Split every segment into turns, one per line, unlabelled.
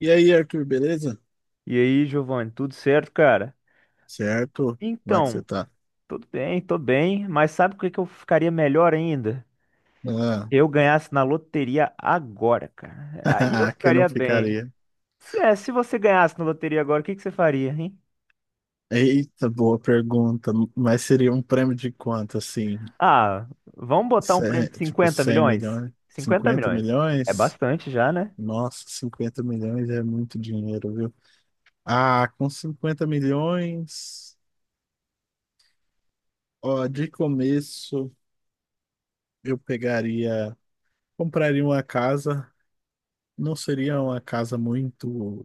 E aí, Arthur, beleza?
E aí, Giovanni, tudo certo, cara?
Certo? Como é que
Então,
você tá?
tudo bem, tô bem, mas sabe o que que eu ficaria melhor ainda? Eu ganhasse na loteria agora, cara. Aí eu
Ah, quem não
ficaria bem.
ficaria?
Se você ganhasse na loteria agora, o que que você faria, hein?
Eita, boa pergunta. Mas seria um prêmio de quanto, assim?
Ah, vamos botar um prêmio de
Tipo,
50
100
milhões?
milhões?
50
50
milhões. É
milhões?
bastante já, né?
Nossa, 50 milhões é muito dinheiro, viu? Ah, com 50 milhões, ó, de começo eu pegaria, compraria uma casa. Não seria uma casa muito,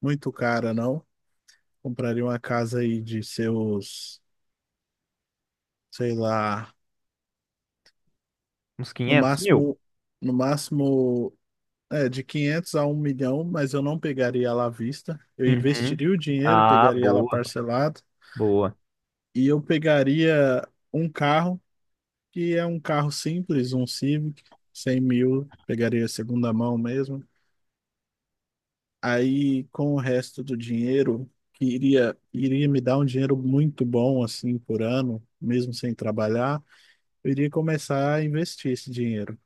muito cara, não. Compraria uma casa aí de seus, sei lá,
Uns
no
500 mil.
máximo, no máximo, de 500 a 1 milhão, mas eu não pegaria ela à vista. Eu
Uhum.
investiria o dinheiro,
Ah,
pegaria ela
boa,
parcelado
boa.
e eu pegaria um carro, que é um carro simples, um Civic, 100 mil, pegaria segunda mão mesmo. Aí, com o resto do dinheiro, que iria me dar um dinheiro muito bom, assim, por ano, mesmo sem trabalhar, eu iria começar a investir esse dinheiro.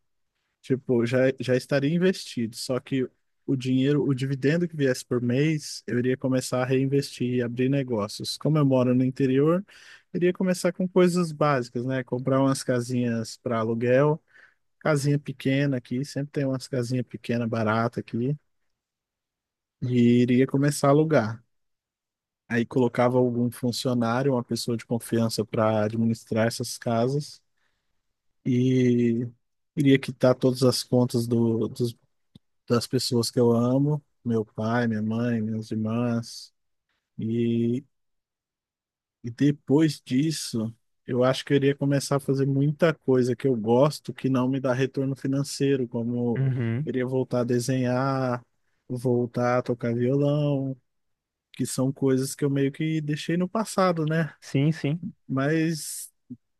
Tipo, já estaria investido, só que o dinheiro, o dividendo que viesse por mês, eu iria começar a reinvestir e abrir negócios. Como eu moro no interior, eu iria começar com coisas básicas, né? Comprar umas casinhas para aluguel, casinha pequena aqui, sempre tem umas casinhas pequenas barata aqui, e iria começar a alugar. Aí colocava algum funcionário, uma pessoa de confiança para administrar essas casas, e iria quitar todas as contas do, das pessoas que eu amo, meu pai, minha mãe, minhas irmãs. E, e depois disso, eu acho que eu iria começar a fazer muita coisa que eu gosto que não me dá retorno financeiro, como
Uhum.
eu iria voltar a desenhar, voltar a tocar violão, que são coisas que eu meio que deixei no passado, né?
Sim, sim.
Mas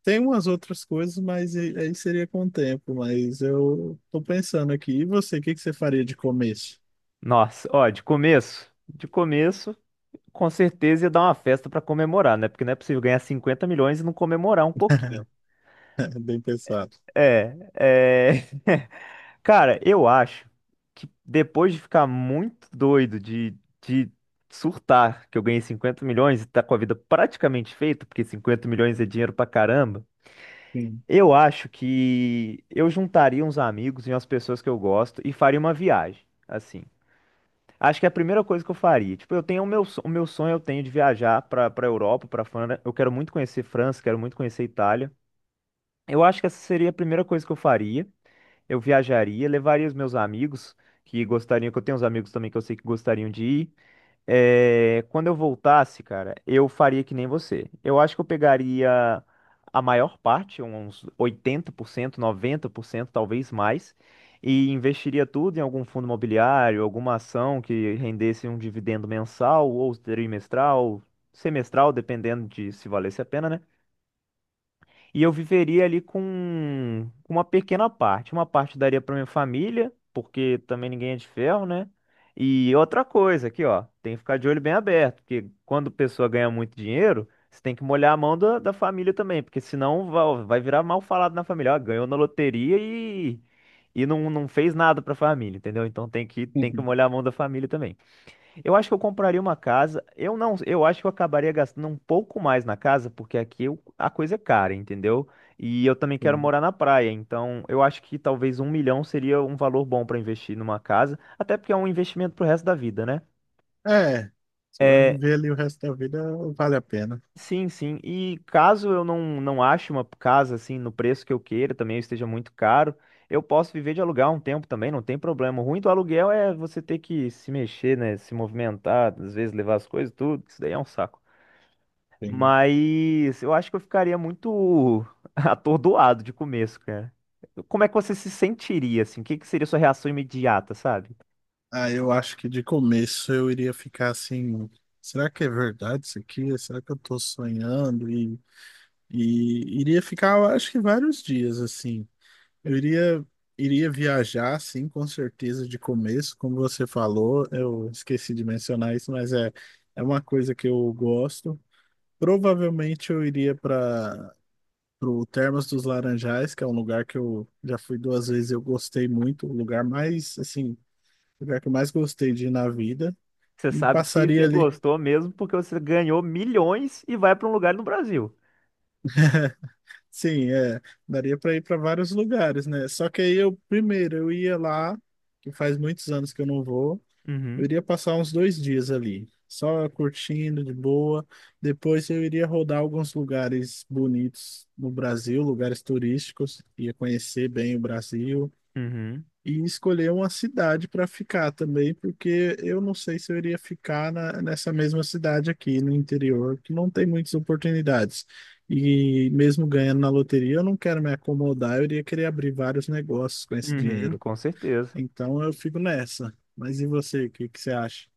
tem umas outras coisas, mas aí seria com o tempo. Mas eu tô pensando aqui. E você, o que que você faria de começo?
Nossa, ó, de começo, de começo. Com certeza ia dar uma festa pra comemorar, né? Porque não é possível ganhar 50 milhões e não comemorar um pouquinho.
Bem pensado.
É, é... Cara, eu acho que depois de ficar muito doido de surtar que eu ganhei 50 milhões e tá com a vida praticamente feita, porque 50 milhões é dinheiro pra caramba,
Sim.
eu acho que eu juntaria uns amigos e umas pessoas que eu gosto e faria uma viagem. Assim, acho que é a primeira coisa que eu faria. Tipo, eu tenho o meu, o meu sonho eu tenho de viajar para Europa, para França. Eu quero muito conhecer França, quero muito conhecer Itália. Eu acho que essa seria a primeira coisa que eu faria. Eu viajaria, levaria os meus amigos que gostariam, que eu tenho uns amigos também que eu sei que gostariam de ir. É, quando eu voltasse, cara, eu faria que nem você. Eu acho que eu pegaria a maior parte, uns 80%, 90%, talvez mais, e investiria tudo em algum fundo imobiliário, alguma ação que rendesse um dividendo mensal ou trimestral, semestral, dependendo de se valesse a pena, né? E eu viveria ali com uma pequena parte. Uma parte daria para minha família, porque também ninguém é de ferro, né? E outra coisa aqui, ó, tem que ficar de olho bem aberto, porque quando a pessoa ganha muito dinheiro, você tem que molhar a mão da família também, porque senão vai virar mal falado na família. Ó, ganhou na loteria e não, não fez nada para a família, entendeu? Então tem que molhar a mão da família também. Eu acho que eu compraria uma casa. Eu não, eu acho que eu acabaria gastando um pouco mais na casa, porque aqui a coisa é cara, entendeu? E eu também quero
Sim.
morar na praia, então eu acho que talvez um milhão seria um valor bom para investir numa casa, até porque é um investimento pro resto da vida, né?
É, você vai
É,
viver ali o resto da vida, vale a pena.
sim, sim. E caso eu não não ache uma casa assim no preço que eu queira, também esteja muito caro, eu posso viver de aluguel um tempo também, não tem problema. O ruim do aluguel é você ter que se mexer, né, se movimentar, às vezes levar as coisas, tudo, isso daí é um saco.
Sim.
Mas eu acho que eu ficaria muito atordoado de começo, cara. Como é que você se sentiria, assim? O que que seria sua reação imediata, sabe?
Ah, eu acho que de começo eu iria ficar assim. Será que é verdade isso aqui? Será que eu tô sonhando? E iria ficar, eu acho que vários dias assim. Eu iria viajar, sim, com certeza, de começo. Como você falou, eu esqueci de mencionar isso, mas é uma coisa que eu gosto. Provavelmente eu iria para o Termas dos Laranjais, que é um lugar que eu já fui duas vezes e eu gostei muito. O lugar mais, assim, o lugar que eu mais gostei de ir na vida.
Você
E
sabe que
passaria
você
ali.
gostou mesmo porque você ganhou milhões e vai pra um lugar no Brasil.
Sim, é. Daria para ir para vários lugares, né? Só que aí eu, primeiro, eu ia lá, que faz muitos anos que eu não vou. Eu
Uhum,
iria passar uns 2 dias ali, só curtindo de boa. Depois eu iria rodar alguns lugares bonitos no Brasil, lugares turísticos, ia conhecer bem o Brasil
uhum,
e escolher uma cidade para ficar também, porque eu não sei se eu iria ficar nessa mesma cidade aqui no interior, que não tem muitas oportunidades. E mesmo ganhando na loteria, eu não quero me acomodar, eu iria querer abrir vários negócios com esse
uhum,
dinheiro.
com certeza.
Então eu fico nessa. Mas e você, o que que você acha?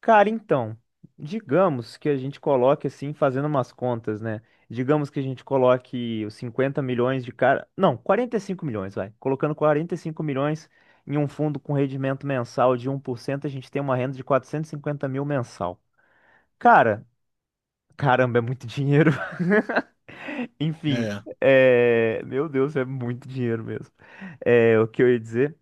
Cara, então, digamos que a gente coloque assim, fazendo umas contas, né? Digamos que a gente coloque os 50 milhões de cara. Não, 45 milhões, vai. Colocando 45 milhões em um fundo com rendimento mensal de 1%, a gente tem uma renda de 450 mil mensal. Cara, caramba, é muito dinheiro. Enfim,
É,
é... meu Deus, é muito dinheiro mesmo. É, o que eu ia dizer.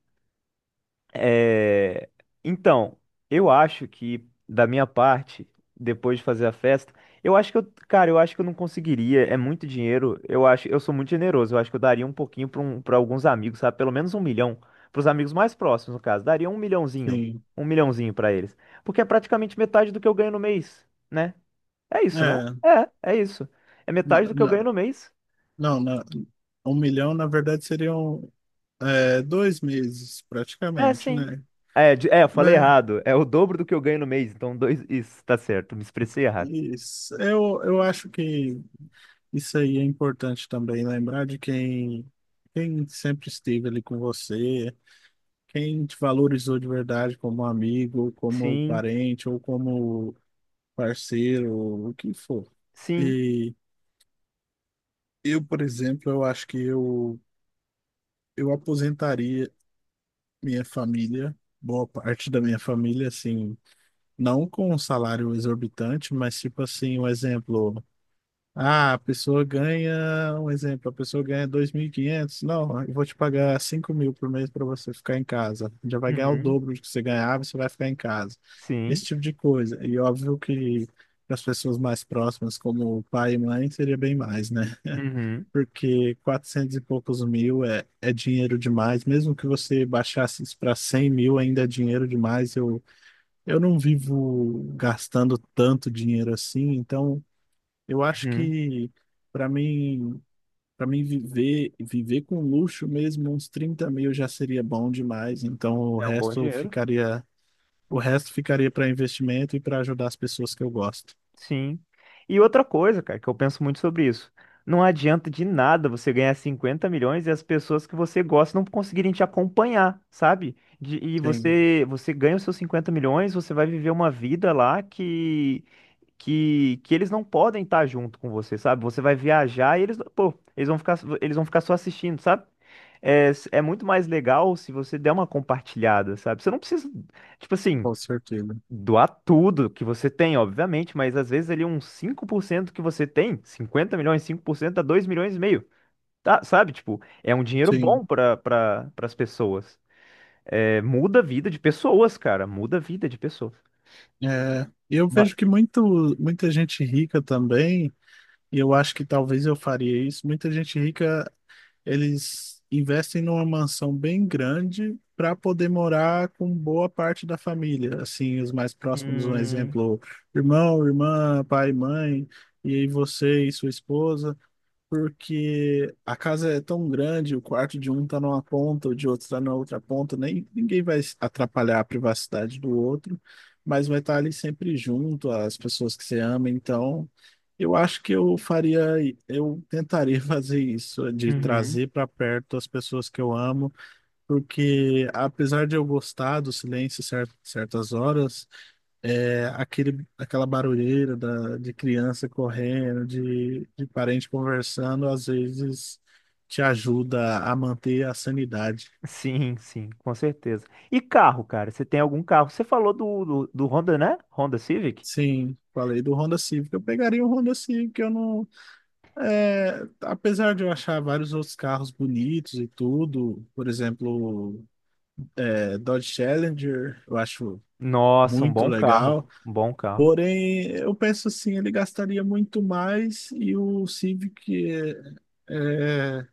É, então, eu acho que, da minha parte, depois de fazer a festa, eu acho que eu, cara, eu acho que eu não conseguiria, é muito dinheiro, eu acho, eu sou muito generoso, eu acho que eu daria um pouquinho para um, para alguns amigos, sabe? Pelo menos um milhão, para os amigos mais próximos, no caso, daria
sim.
um milhãozinho para eles, porque é praticamente metade do que eu ganho no mês, né? É isso, não
É,
é? É, é isso. É
na-
metade do que eu ganho
na-
no mês.
não, 1 milhão na verdade seriam, 2 meses
É,
praticamente,
sim.
né?
É, é, eu falei
Mas
errado. É o dobro do que eu ganho no mês. Então, dois. Isso, tá certo. Me expressei errado.
isso, eu acho que isso aí é importante também, lembrar de quem sempre esteve ali com você, quem te valorizou de verdade como amigo, como
Sim,
parente ou como parceiro, o que for.
sim,
E eu, por exemplo, eu acho que eu aposentaria. Minha família, boa parte da minha família, assim, não com um salário exorbitante, mas tipo assim, um exemplo. Ah, a pessoa ganha, um exemplo, a pessoa ganha 2.500. Não, eu vou te pagar 5.000 por mês para você ficar em casa. Já vai ganhar o
uhum,
dobro do que você ganhava, você vai ficar em casa. Esse
sim,
tipo de coisa. E óbvio que para as pessoas mais próximas, como pai e mãe, seria bem mais, né?
uhum,
Porque 400 e poucos mil é, é dinheiro demais. Mesmo que você baixasse isso para 100 mil, ainda é dinheiro demais. Eu não vivo gastando tanto dinheiro assim, então eu acho
uhum.
que para mim, para mim, viver com luxo mesmo, uns 30 mil já seria bom demais. Então
É um bom dinheiro.
o resto ficaria para investimento e para ajudar as pessoas que eu gosto.
Sim. E outra coisa, cara, que eu penso muito sobre isso. Não adianta de nada você ganhar 50 milhões e as pessoas que você gosta não conseguirem te acompanhar, sabe? E
Sim,
você, você ganha os seus 50 milhões, você vai viver uma vida lá que eles não podem estar junto com você, sabe? Você vai viajar e eles, pô, eles vão ficar só assistindo, sabe? É, é muito mais legal se você der uma compartilhada, sabe? Você não precisa, tipo assim,
com certeza.
doar tudo que você tem, obviamente, mas às vezes ali uns 5% que você tem, 50 milhões, 5% dá 2,5 milhões, tá? Sabe? Tipo, é um dinheiro
Sim.
bom para as pessoas. É, muda a vida de pessoas, cara, muda a vida de pessoas.
É, eu
Ma-
vejo que muita gente rica também, e eu acho que talvez eu faria isso. Muita gente rica, eles investem numa mansão bem grande para poder morar com boa parte da família. Assim, os mais próximos, um
Hum,
exemplo, irmão, irmã, pai, mãe, e aí você e sua esposa, porque a casa é tão grande, o quarto de um tá numa ponta, o de outro tá na outra ponta, nem ninguém vai atrapalhar a privacidade do outro, mas vai estar ali sempre junto, as pessoas que você ama, então eu acho que eu faria, eu tentaria fazer isso, de
uhum.
trazer para perto as pessoas que eu amo, porque apesar de eu gostar do silêncio certas horas, é, aquela barulheira de criança correndo, de parente conversando, às vezes te ajuda a manter a sanidade.
Sim, sim, com certeza. E carro, cara? Você tem algum carro? Você falou do Honda, né? Honda Civic?
Sim, falei do Honda Civic. Eu pegaria o Honda Civic. Eu não, apesar de eu achar vários outros carros bonitos e tudo, por exemplo, Dodge Challenger, eu acho
Nossa, um
muito
bom carro.
legal.
Um bom carro.
Porém, eu penso assim, ele gastaria muito mais e o Civic é, é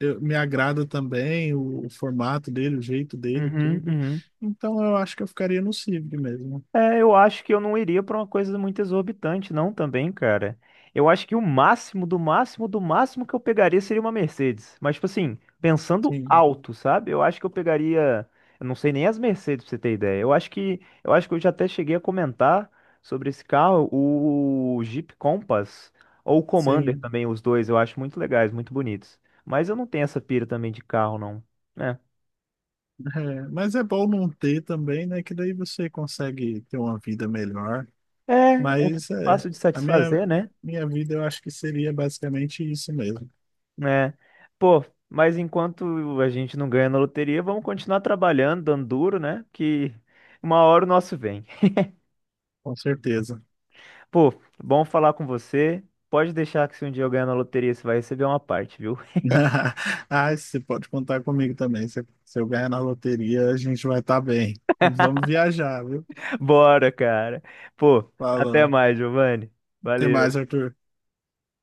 eu- me agrada também o formato dele, o jeito dele,
Uhum,
tudo.
uhum.
Então eu acho que eu ficaria no Civic mesmo.
É, eu acho que eu não iria pra uma coisa muito exorbitante, não, também, cara. Eu acho que o máximo, do máximo, do máximo que eu pegaria seria uma Mercedes. Mas, tipo assim, pensando
Sim,
alto, sabe? Eu acho que eu pegaria. Eu não sei nem as Mercedes, pra você ter ideia. Eu acho que. Eu acho que eu já até cheguei a comentar sobre esse carro, o Jeep Compass ou o Commander
sim.
também, os dois, eu acho muito legais, muito bonitos. Mas eu não tenho essa pira também de carro, não. É.
É, mas é bom não ter também, né? Que daí você consegue ter uma vida melhor.
É
Mas é,
fácil de
a minha,
satisfazer, né?
minha vida eu acho que seria basicamente isso mesmo,
É. Pô, mas enquanto a gente não ganha na loteria, vamos continuar trabalhando, dando duro, né? Que uma hora o nosso vem.
com certeza.
Pô, bom falar com você. Pode deixar que se um dia eu ganhar na loteria, você vai receber uma parte, viu?
Ah, você pode contar comigo também. Se eu ganhar na loteria, a gente vai estar bem. E vamos viajar, viu?
Bora, cara. Pô, até
Falou.
mais, Giovanni.
Até mais,
Valeu.
Arthur.